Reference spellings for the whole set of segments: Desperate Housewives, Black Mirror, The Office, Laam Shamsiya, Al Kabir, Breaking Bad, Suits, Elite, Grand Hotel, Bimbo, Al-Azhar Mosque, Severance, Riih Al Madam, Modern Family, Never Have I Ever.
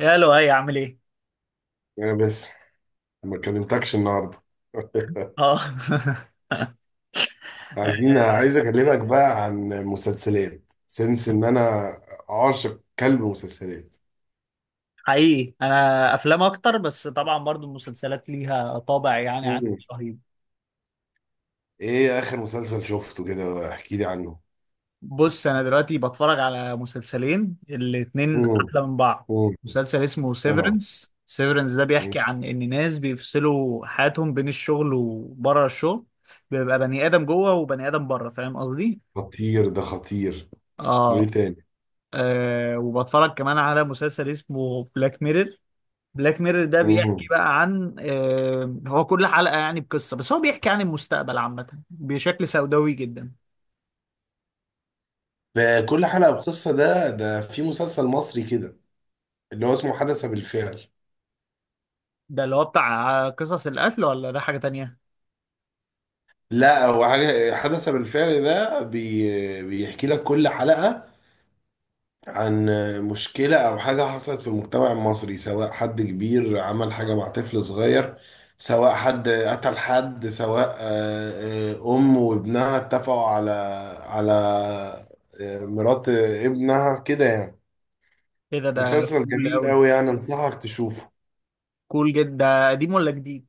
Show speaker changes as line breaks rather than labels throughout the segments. يا لؤي عامل ايه؟
يا بس. ما كلمتكش النهارده.
اه
عايز اكلمك بقى عن مسلسلات، سنس ان انا عاشق كلب مسلسلات.
حقيقي انا افلام اكتر، بس طبعا برضو المسلسلات ليها طابع يعني عندي
مم.
رهيب.
ايه اخر مسلسل شفته كده، احكي لي عنه؟
بص انا دلوقتي بتفرج على مسلسلين الاتنين
مم.
احلى من بعض.
مم.
مسلسل اسمه
اه.
سيفرنس. سيفرنس ده بيحكي
مم.
عن ان ناس بيفصلوا حياتهم بين الشغل وبره الشغل، بيبقى بني ادم جوه وبني ادم بره، فاهم قصدي؟
خطير، ده خطير. وايه
اه،
تاني؟
وبتفرج كمان على مسلسل اسمه بلاك ميرور. بلاك ميرور ده بيحكي
مم.
بقى عن هو كل حلقة يعني بقصة، بس هو بيحكي عن المستقبل عامة بشكل سوداوي جدا.
فكل حلقة بقصة. ده في مسلسل مصري كده، اللي هو اسمه حدث بالفعل.
ده اللي هو بتاع قصص القتل ولا ده حاجة تانية؟
لا، هو حاجة حدث بالفعل ده بيحكي لك كل حلقة عن مشكلة أو حاجة حصلت في المجتمع المصري، سواء حد كبير عمل حاجة مع طفل صغير، سواء حد قتل حد، سواء أم وابنها اتفقوا على مرات ابنها كده يعني.
ايه ده، ده
مسلسل
كول
جميل
قوي.
أوي يعني، أنصحك تشوفه.
كول جدا، ده قديم ولا جديد؟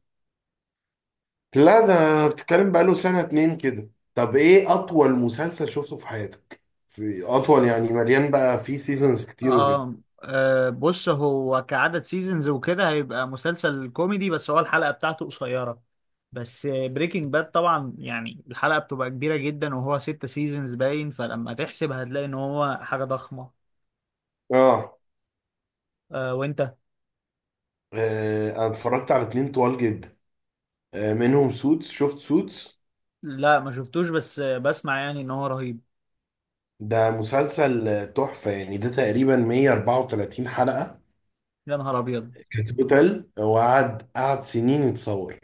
لا، ده بتتكلم بقاله سنة اتنين كده. طب إيه أطول مسلسل شفته في حياتك؟ في أطول يعني مليان بقى فيه سيزونز كتير وكده.
آه, آه بص، هو كعدد سيزونز وكده هيبقى مسلسل كوميدي بس هو الحلقة بتاعته قصيرة، بس بريكنج باد طبعا يعني الحلقة بتبقى كبيرة جدا وهو ست سيزونز باين، فلما تحسب هتلاقي ان هو حاجة ضخمة.
آه
آه، وانت؟
أنا اتفرجت على اتنين طوال جدا. منهم سوتس، شفت سوتس؟
لا ما شفتوش، بس بسمع يعني ان هو رهيب.
ده مسلسل تحفة يعني. ده تقريبا 134 حلقة
يا نهار ابيض.
كتوتال، وقعد قعد سنين يتصور.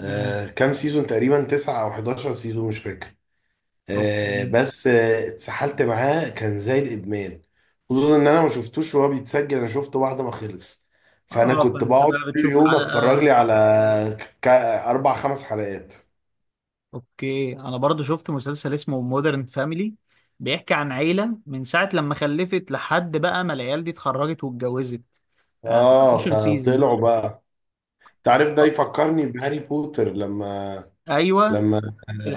مم.
كام سيزون؟ تقريبا 9 أو 11 سيزون، مش فاكر. آه
اوكي.
بس آه، اتسحلت معاه، كان زي الإدمان. خصوصا إن أنا ما شفتوش وهو بيتسجل، أنا شفته بعد ما خلص. فأنا
اه
كنت
فانت
بقعد
بقى
كل
بتشوف
يوم
حلقة.
أتفرج لي على أربع خمس حلقات.
اوكي انا برضو شفت مسلسل اسمه مودرن فاميلي، بيحكي عن عيلة من ساعة لما خلفت لحد بقى ما العيال دي اتخرجت واتجوزت، 13 سيزون.
فطلعوا بقى. تعرف، ده يفكرني بهاري بوتر لما
ايوه،
لما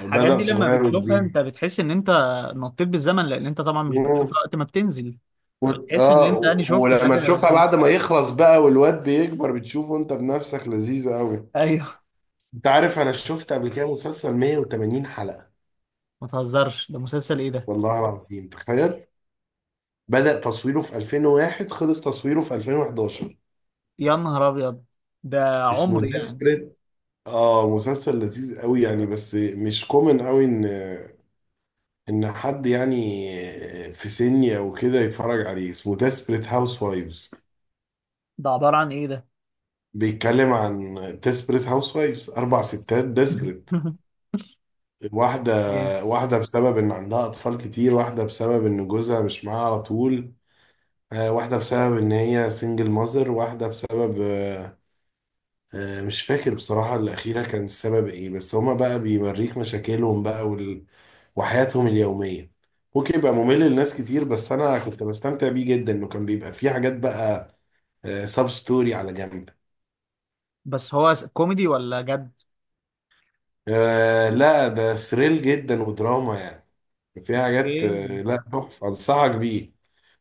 بدأ
دي لما
صغير
بتشوفها انت
وكبير.
بتحس ان انت نطيت بالزمن، لان انت طبعا مش
مم.
بتشوفها وقت ما بتنزل. فبتحس ان انت انا شفت
ولما
حاجة.
تشوفها بعد ما يخلص بقى والواد بيكبر، بتشوفه انت بنفسك، لذيذة قوي.
ايوه.
انت عارف، انا شفت قبل كده مسلسل 180 حلقة.
ما تهزرش، ده مسلسل ايه ده؟
والله العظيم تخيل. بدأ تصويره في 2001، خلص تصويره في 2011.
يا نهار ابيض، ده
اسمه
عمر يعني.
ديسبريت. اه، مسلسل لذيذ قوي يعني، بس مش كومن قوي ان حد يعني في سني او كده يتفرج عليه. اسمه ديسبريت هاوس وايفز.
ده عبارة عن ايه ده؟
بيتكلم عن ديسبريت هاوس وايفز، اربع ستات ديسبريت.
جامد.
واحده واحده بسبب ان عندها اطفال كتير، واحده بسبب ان جوزها مش معاها على طول، واحده بسبب ان هي سنجل ماذر، واحده بسبب مش فاكر بصراحة الأخيرة كان السبب إيه. بس هما بقى بيوريك مشاكلهم بقى وحياتهم اليومية. ممكن يبقى ممل لناس كتير، بس أنا كنت بستمتع بيه جدا، إنه كان بيبقى فيه حاجات بقى سب ستوري على جنب.
بس هو كوميدي ولا جد؟
لا، ده ثريل جدا ودراما يعني، فيها حاجات.
اوكي،
لا، تحفة، أنصحك بيه.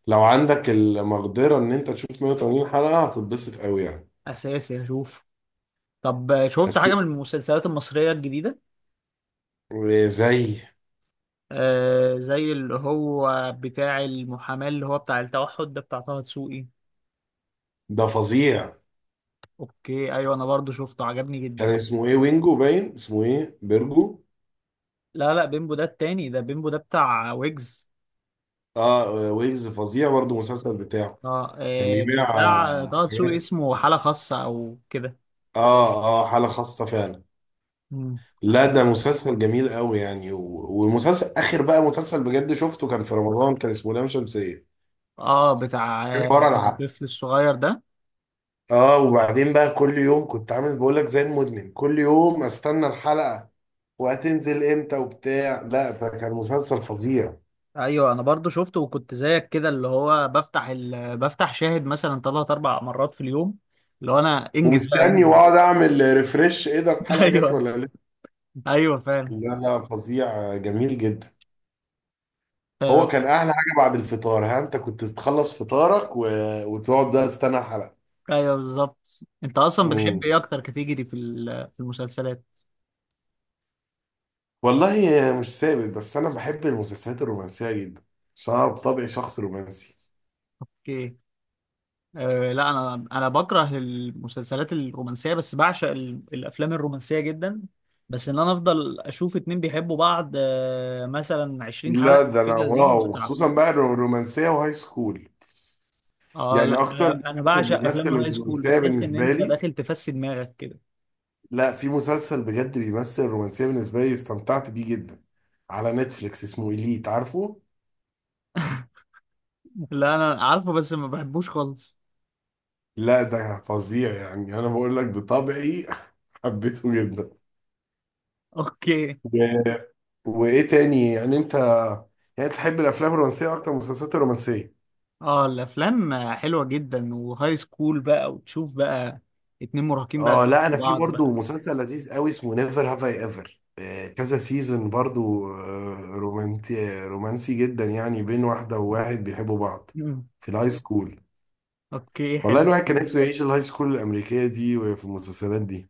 لو عندك المقدرة إن أنت تشوف 180 حلقة، هتتبسط أوي يعني.
اساسي هشوف. طب شفت حاجة
هتشوف.
من المسلسلات المصرية الجديدة؟
زي.
آه زي اللي هو بتاع المحاماة، اللي هو بتاع التوحد ده بتاع طه دسوقي.
ده فظيع.
اوكي، ايوه انا برضو شفته، عجبني
كان
جدا.
اسمه إيه؟ وينجو، باين اسمه إيه، بيرجو.
لا لا، بيمبو ده التاني، ده بيمبو ده بتاع ويجز.
اه، ويجز، فظيع برضه المسلسل بتاعه.
اه،
كان بيبيع
بتاع طه دسوقي
حاجات.
اسمه حالة خاصة او كده.
اه، اه، حالة خاصة فعلا.
مم.
لا، ده مسلسل جميل قوي يعني. و- ومسلسل اخر بقى، مسلسل بجد شفته كان في رمضان، كان اسمه لام شمسية.
اه بتاع
كان ورا العقل.
الطفل الصغير ده.
اه، وبعدين بقى كل يوم كنت عامل، بقول لك زي المدمن، كل يوم استنى الحلقة وهتنزل امتى وبتاع. لا، ده كان مسلسل فظيع.
ايوه انا برضو شفته وكنت زيك كده، اللي هو بفتح بفتح شاهد مثلا ثلاث اربع مرات في اليوم، اللي هو انا انجز بقى
ومستني،
انجز.
واقعد اعمل ريفرش، ايه ده، الحلقة جت
ايوه.
ولا لسه؟
ايوه فعلا.
لا، لا، فظيع، جميل جدا.
آه،
هو كان احلى حاجه بعد الفطار. ها، انت كنت تخلص فطارك وتقعد بقى تستنى الحلقه.
ايوه بالظبط. انت اصلا
مم.
بتحب ايه اكتر كاتيجوري في في المسلسلات؟
والله، مش ثابت، بس انا بحب المسلسلات الرومانسيه جدا، عشان انا بطبعي شخص رومانسي.
ايه؟ أه لا انا بكره المسلسلات الرومانسيه بس بعشق الافلام الرومانسيه جدا. بس انا افضل اشوف اتنين بيحبوا بعض مثلا 20
لا،
حلقه
ده انا
كده، دي
واو،
بتعب.
خصوصا بقى الرومانسيه وهاي سكول.
اه
يعني
لا
اكتر
انا
مسلسل
بعشق
بيمثل
افلام الهاي سكول،
الرومانسيه
بتحس ان
بالنسبه
انت
لي،
داخل تفسي دماغك كده.
لا، في مسلسل بجد بيمثل الرومانسيه بالنسبه لي، استمتعت بيه جدا، على نتفليكس، اسمه إليت، عارفه؟
لا انا عارفه، بس ما بحبوش خالص.
لا، ده فظيع يعني، انا بقول لك بطبعي. حبيته جدا
اوكي.
و... وايه تاني يعني؟ انت يعني تحب الافلام الرومانسيه اكتر من المسلسلات الرومانسيه؟
اه الافلام حلوه جدا، وهاي سكول بقى وتشوف بقى اتنين مراهقين بقى
اه لا،
بيحبوا
انا في
بعض
برضو
بقى.
مسلسل لذيذ قوي اسمه نيفر هاف اي ايفر، كذا سيزون برضو. آه، رومانتي رومانسي جدا يعني، بين واحده وواحد بيحبوا بعض
مم.
في الهاي سكول.
اوكي،
والله،
حلو.
الواحد كان نفسه يعيش الهاي سكول الامريكيه دي وفي المسلسلات دي.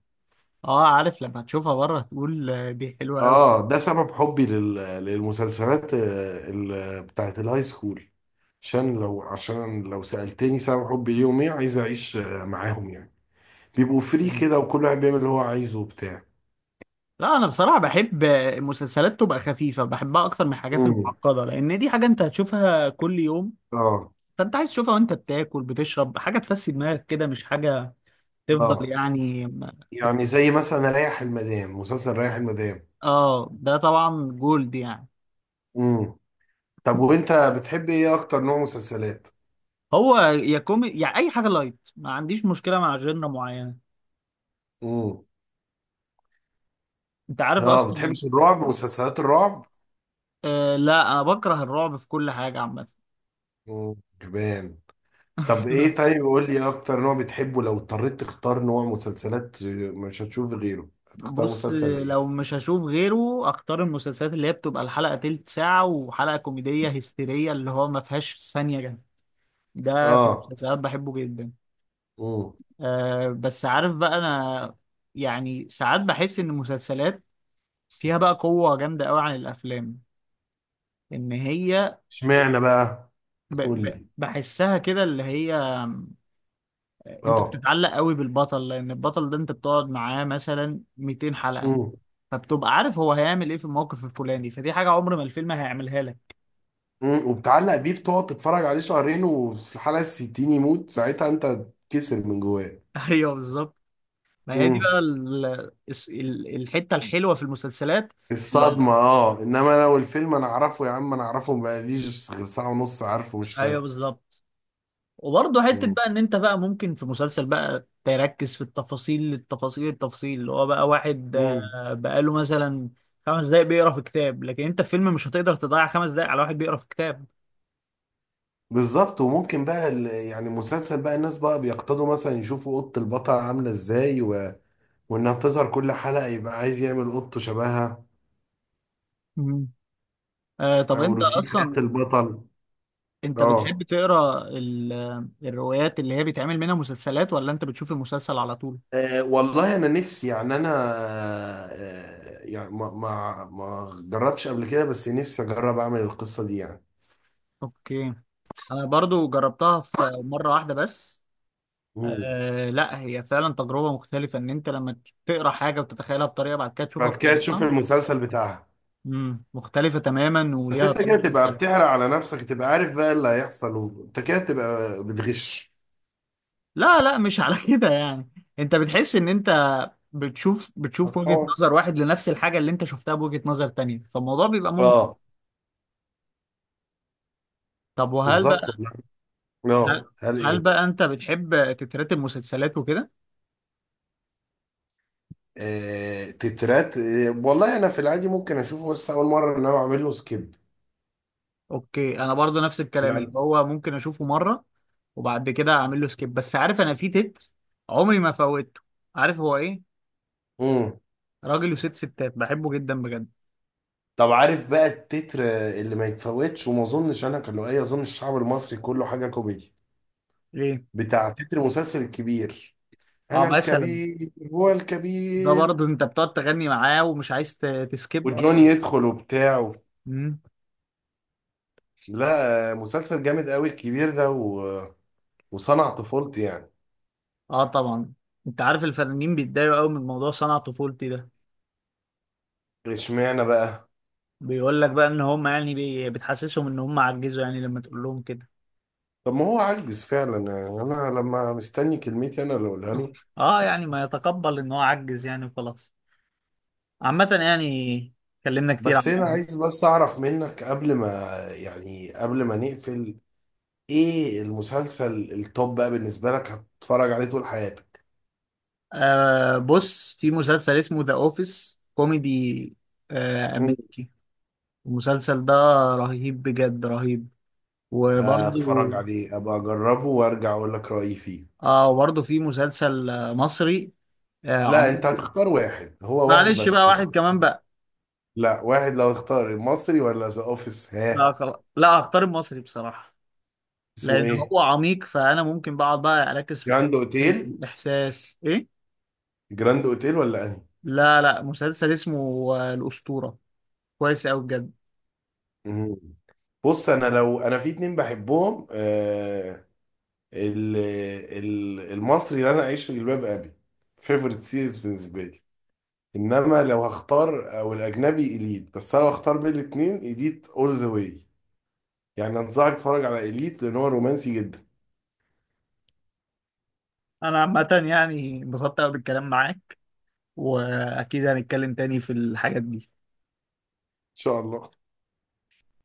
اه عارف، لما تشوفها بره تقول دي حلوه قوي.
اه، ده سبب حبي للمسلسلات بتاعت الهاي سكول. عشان لو سألتني سبب حبي ليهم ايه، عايز اعيش معاهم يعني، بيبقوا فري كده، وكل واحد بيعمل اللي هو عايزه وبتاع.
لا انا بصراحه بحب مسلسلات تبقى خفيفه، بحبها اكتر من الحاجات
امم.
المعقده، لان دي حاجه انت هتشوفها كل يوم،
اه،
فانت عايز تشوفها وانت بتاكل بتشرب، حاجه تفسي دماغك كده، مش حاجه تفضل
اه،
يعني.
يعني زي مثلا ريح المدام، مسلسل ريح المدام.
اه ده طبعا جولد يعني.
امم. طب وانت بتحب ايه اكتر نوع مسلسلات؟
هو يا كومي يعني، اي حاجه لايت، ما عنديش مشكله مع جنرا معينه.
امم.
انت عارف
اه،
اصلا.
بتحبش الرعب، مسلسلات الرعب؟
آه لا انا بكره الرعب في كل حاجه عامه.
كمان. طب ايه، طيب قول لي اكتر نوع بتحبه، لو اضطريت تختار نوع مسلسلات مش هتشوف غيره، هتختار
بص،
مسلسل ايه؟
لو مش هشوف غيره اختار المسلسلات اللي هي بتبقى الحلقه تلت ساعه، وحلقه كوميديه هستيريه اللي هو ما فيهاش ثانيه جنب، ده في
اه.
المسلسلات بحبه جدا.
امم.
آه بس عارف بقى انا، يعني ساعات بحس ان المسلسلات فيها بقى قوة جامدة قوي عن الافلام، ان هي
اشمعنى بقى؟
ب
قول
ب
لي.
بحسها كده اللي هي انت
اه.
بتتعلق قوي بالبطل، لان البطل ده انت بتقعد معاه مثلا 200 حلقة،
امم.
فبتبقى عارف هو هيعمل ايه في الموقف الفلاني، فدي حاجة عمر ما الفيلم هيعملها لك.
وبتعلق بيه، بتقعد تتفرج عليه شهرين، وفي الحلقه الستين يموت، ساعتها انت تكسر من جواك.
ايوه بالظبط. ما هي دي
امم
بقى الحتة الحلوة في المسلسلات. اللي-
الصدمه. اه، انما لو الفيلم انا اعرفه يا عم، انا اعرفه، بقاليش غير ساعه ونص، عارفه، مش
ايوه
فارقه.
بالظبط. وبرضه حتة بقى ان انت بقى ممكن في مسلسل بقى تركز في التفاصيل، التفاصيل، اللي هو بقى واحد
امم
بقاله مثلا خمس دقايق بيقرا في كتاب، لكن انت في فيلم مش هتقدر تضيع خمس دقايق على واحد بيقرا في كتاب.
بالظبط. وممكن بقى يعني مسلسل بقى، الناس بقى بيقتضوا مثلا يشوفوا قط البطل عاملة ازاي وانها بتظهر كل حلقة، يبقى عايز يعمل قطه شبهها،
مم. آه طب
او
انت
روتين حياة
اصلا،
البطل.
انت
اه،
بتحب تقرا الروايات اللي هي بيتعمل منها مسلسلات، ولا انت بتشوف المسلسل على طول؟
والله انا نفسي يعني. انا يعني ما جربتش قبل كده، بس نفسي اجرب اعمل القصة دي يعني.
اوكي، انا برضو جربتها في مرة واحدة بس.
مم.
آه لا هي فعلا تجربة مختلفة، ان انت لما تقرا حاجة وتتخيلها بطريقة، بعد كده تشوفها
بعد كده تشوف
بطريقة.
المسلسل بتاعها.
امم، مختلفة تماما
بس
وليها
انت
طبع
كده تبقى
مختلف.
بتحرق على نفسك، تبقى عارف بقى اللي هيحصل، وانت كده تبقى بتغش.
لا لا، مش على كده يعني. انت بتحس ان انت بتشوف وجهة
هتحاول.
نظر واحد لنفس الحاجة اللي انت شفتها بوجهة نظر تانية، فالموضوع بيبقى ممتع.
اه،
طب وهل بقى،
بالظبط.
هل,
اه، هل
هل
ايه؟
بقى انت بتحب تترتب مسلسلات وكده؟
تترات، والله انا في العادي ممكن اشوفه بس اول مره، ان انا بعمل له سكيب.
اوكي انا برضو نفس الكلام، اللي
لا.
هو ممكن اشوفه مرة وبعد كده اعمل له سكيب، بس عارف انا في تتر عمري ما فوتته. عارف هو ايه؟
امم.
راجل وست ستات، بحبه جدا بجد.
طب عارف بقى التتر اللي ما يتفوتش، وما اظنش انا كان له اي، اظن الشعب المصري كله، حاجه كوميدي،
ليه.
بتاع تتر مسلسل الكبير.
اه
انا
مثلا،
الكبير هو
ده
الكبير،
برضه انت بتقعد تغني معاه ومش عايز تسكيب
وجوني
اصلا.
يدخل وبتاع.
امم.
لا، مسلسل جامد قوي الكبير ده وصنع طفولتي يعني.
اه طبعا. انت عارف الفنانين بيتضايقوا قوي من موضوع صنع طفولتي ده،
اشمعنى بقى؟
بيقول لك بقى ان هم يعني بتحسسهم ان هم عجزوا يعني لما تقول لهم كده.
طب ما هو عجز فعلا يعني، انا لما مستني كلمتي انا اللي اقولها له.
اه يعني ما يتقبل ان هو عجز يعني، وخلاص. عامة يعني، اتكلمنا كتير عن
بس انا
الموضوع.
عايز، بس اعرف منك قبل ما يعني، قبل ما نقفل، ايه المسلسل التوب بقى بالنسبة لك هتتفرج عليه طول حياتك؟
آه بص، في مسلسل اسمه ذا اوفيس، كوميدي آه
مم.
امريكي. المسلسل ده رهيب بجد رهيب. وبرضه،
اتفرج عليه، ابقى اجربه وارجع اقول لك رأيي فيه.
اه وبرضه في مسلسل مصري آه
لا، انت
عميق.
هتختار واحد، هو واحد
معلش بقى،
بس
واحد كمان بقى.
لا، واحد، لو اختار المصري ولا ذا اوفيس،
لا
ها؟
خلاص، لا هختار المصري بصراحة،
اسمه
لأن
ايه؟
هو عميق، فأنا ممكن بقعد بقى أركز في
جراند
التفاصيل
اوتيل.
والإحساس إيه؟
جراند اوتيل ولا انهي؟
لا لا، مسلسل اسمه الأسطورة، كويس أوي بجد.
مم. بص انا، لو انا في اتنين بحبهم، ال- المصري اللي انا اعيش في جلباب ابي، فيفورت سيريز بالنسبه لي، انما لو هختار، او الاجنبي اليت. بس انا لو هختار بين الاثنين، اليت اول ذا واي. يعني انصحك تتفرج على اليت لان هو رومانسي جدا. ان
أنا عامة يعني انبسطت أوي بالكلام معاك، وأكيد هنتكلم تاني في الحاجات دي.
شاء الله.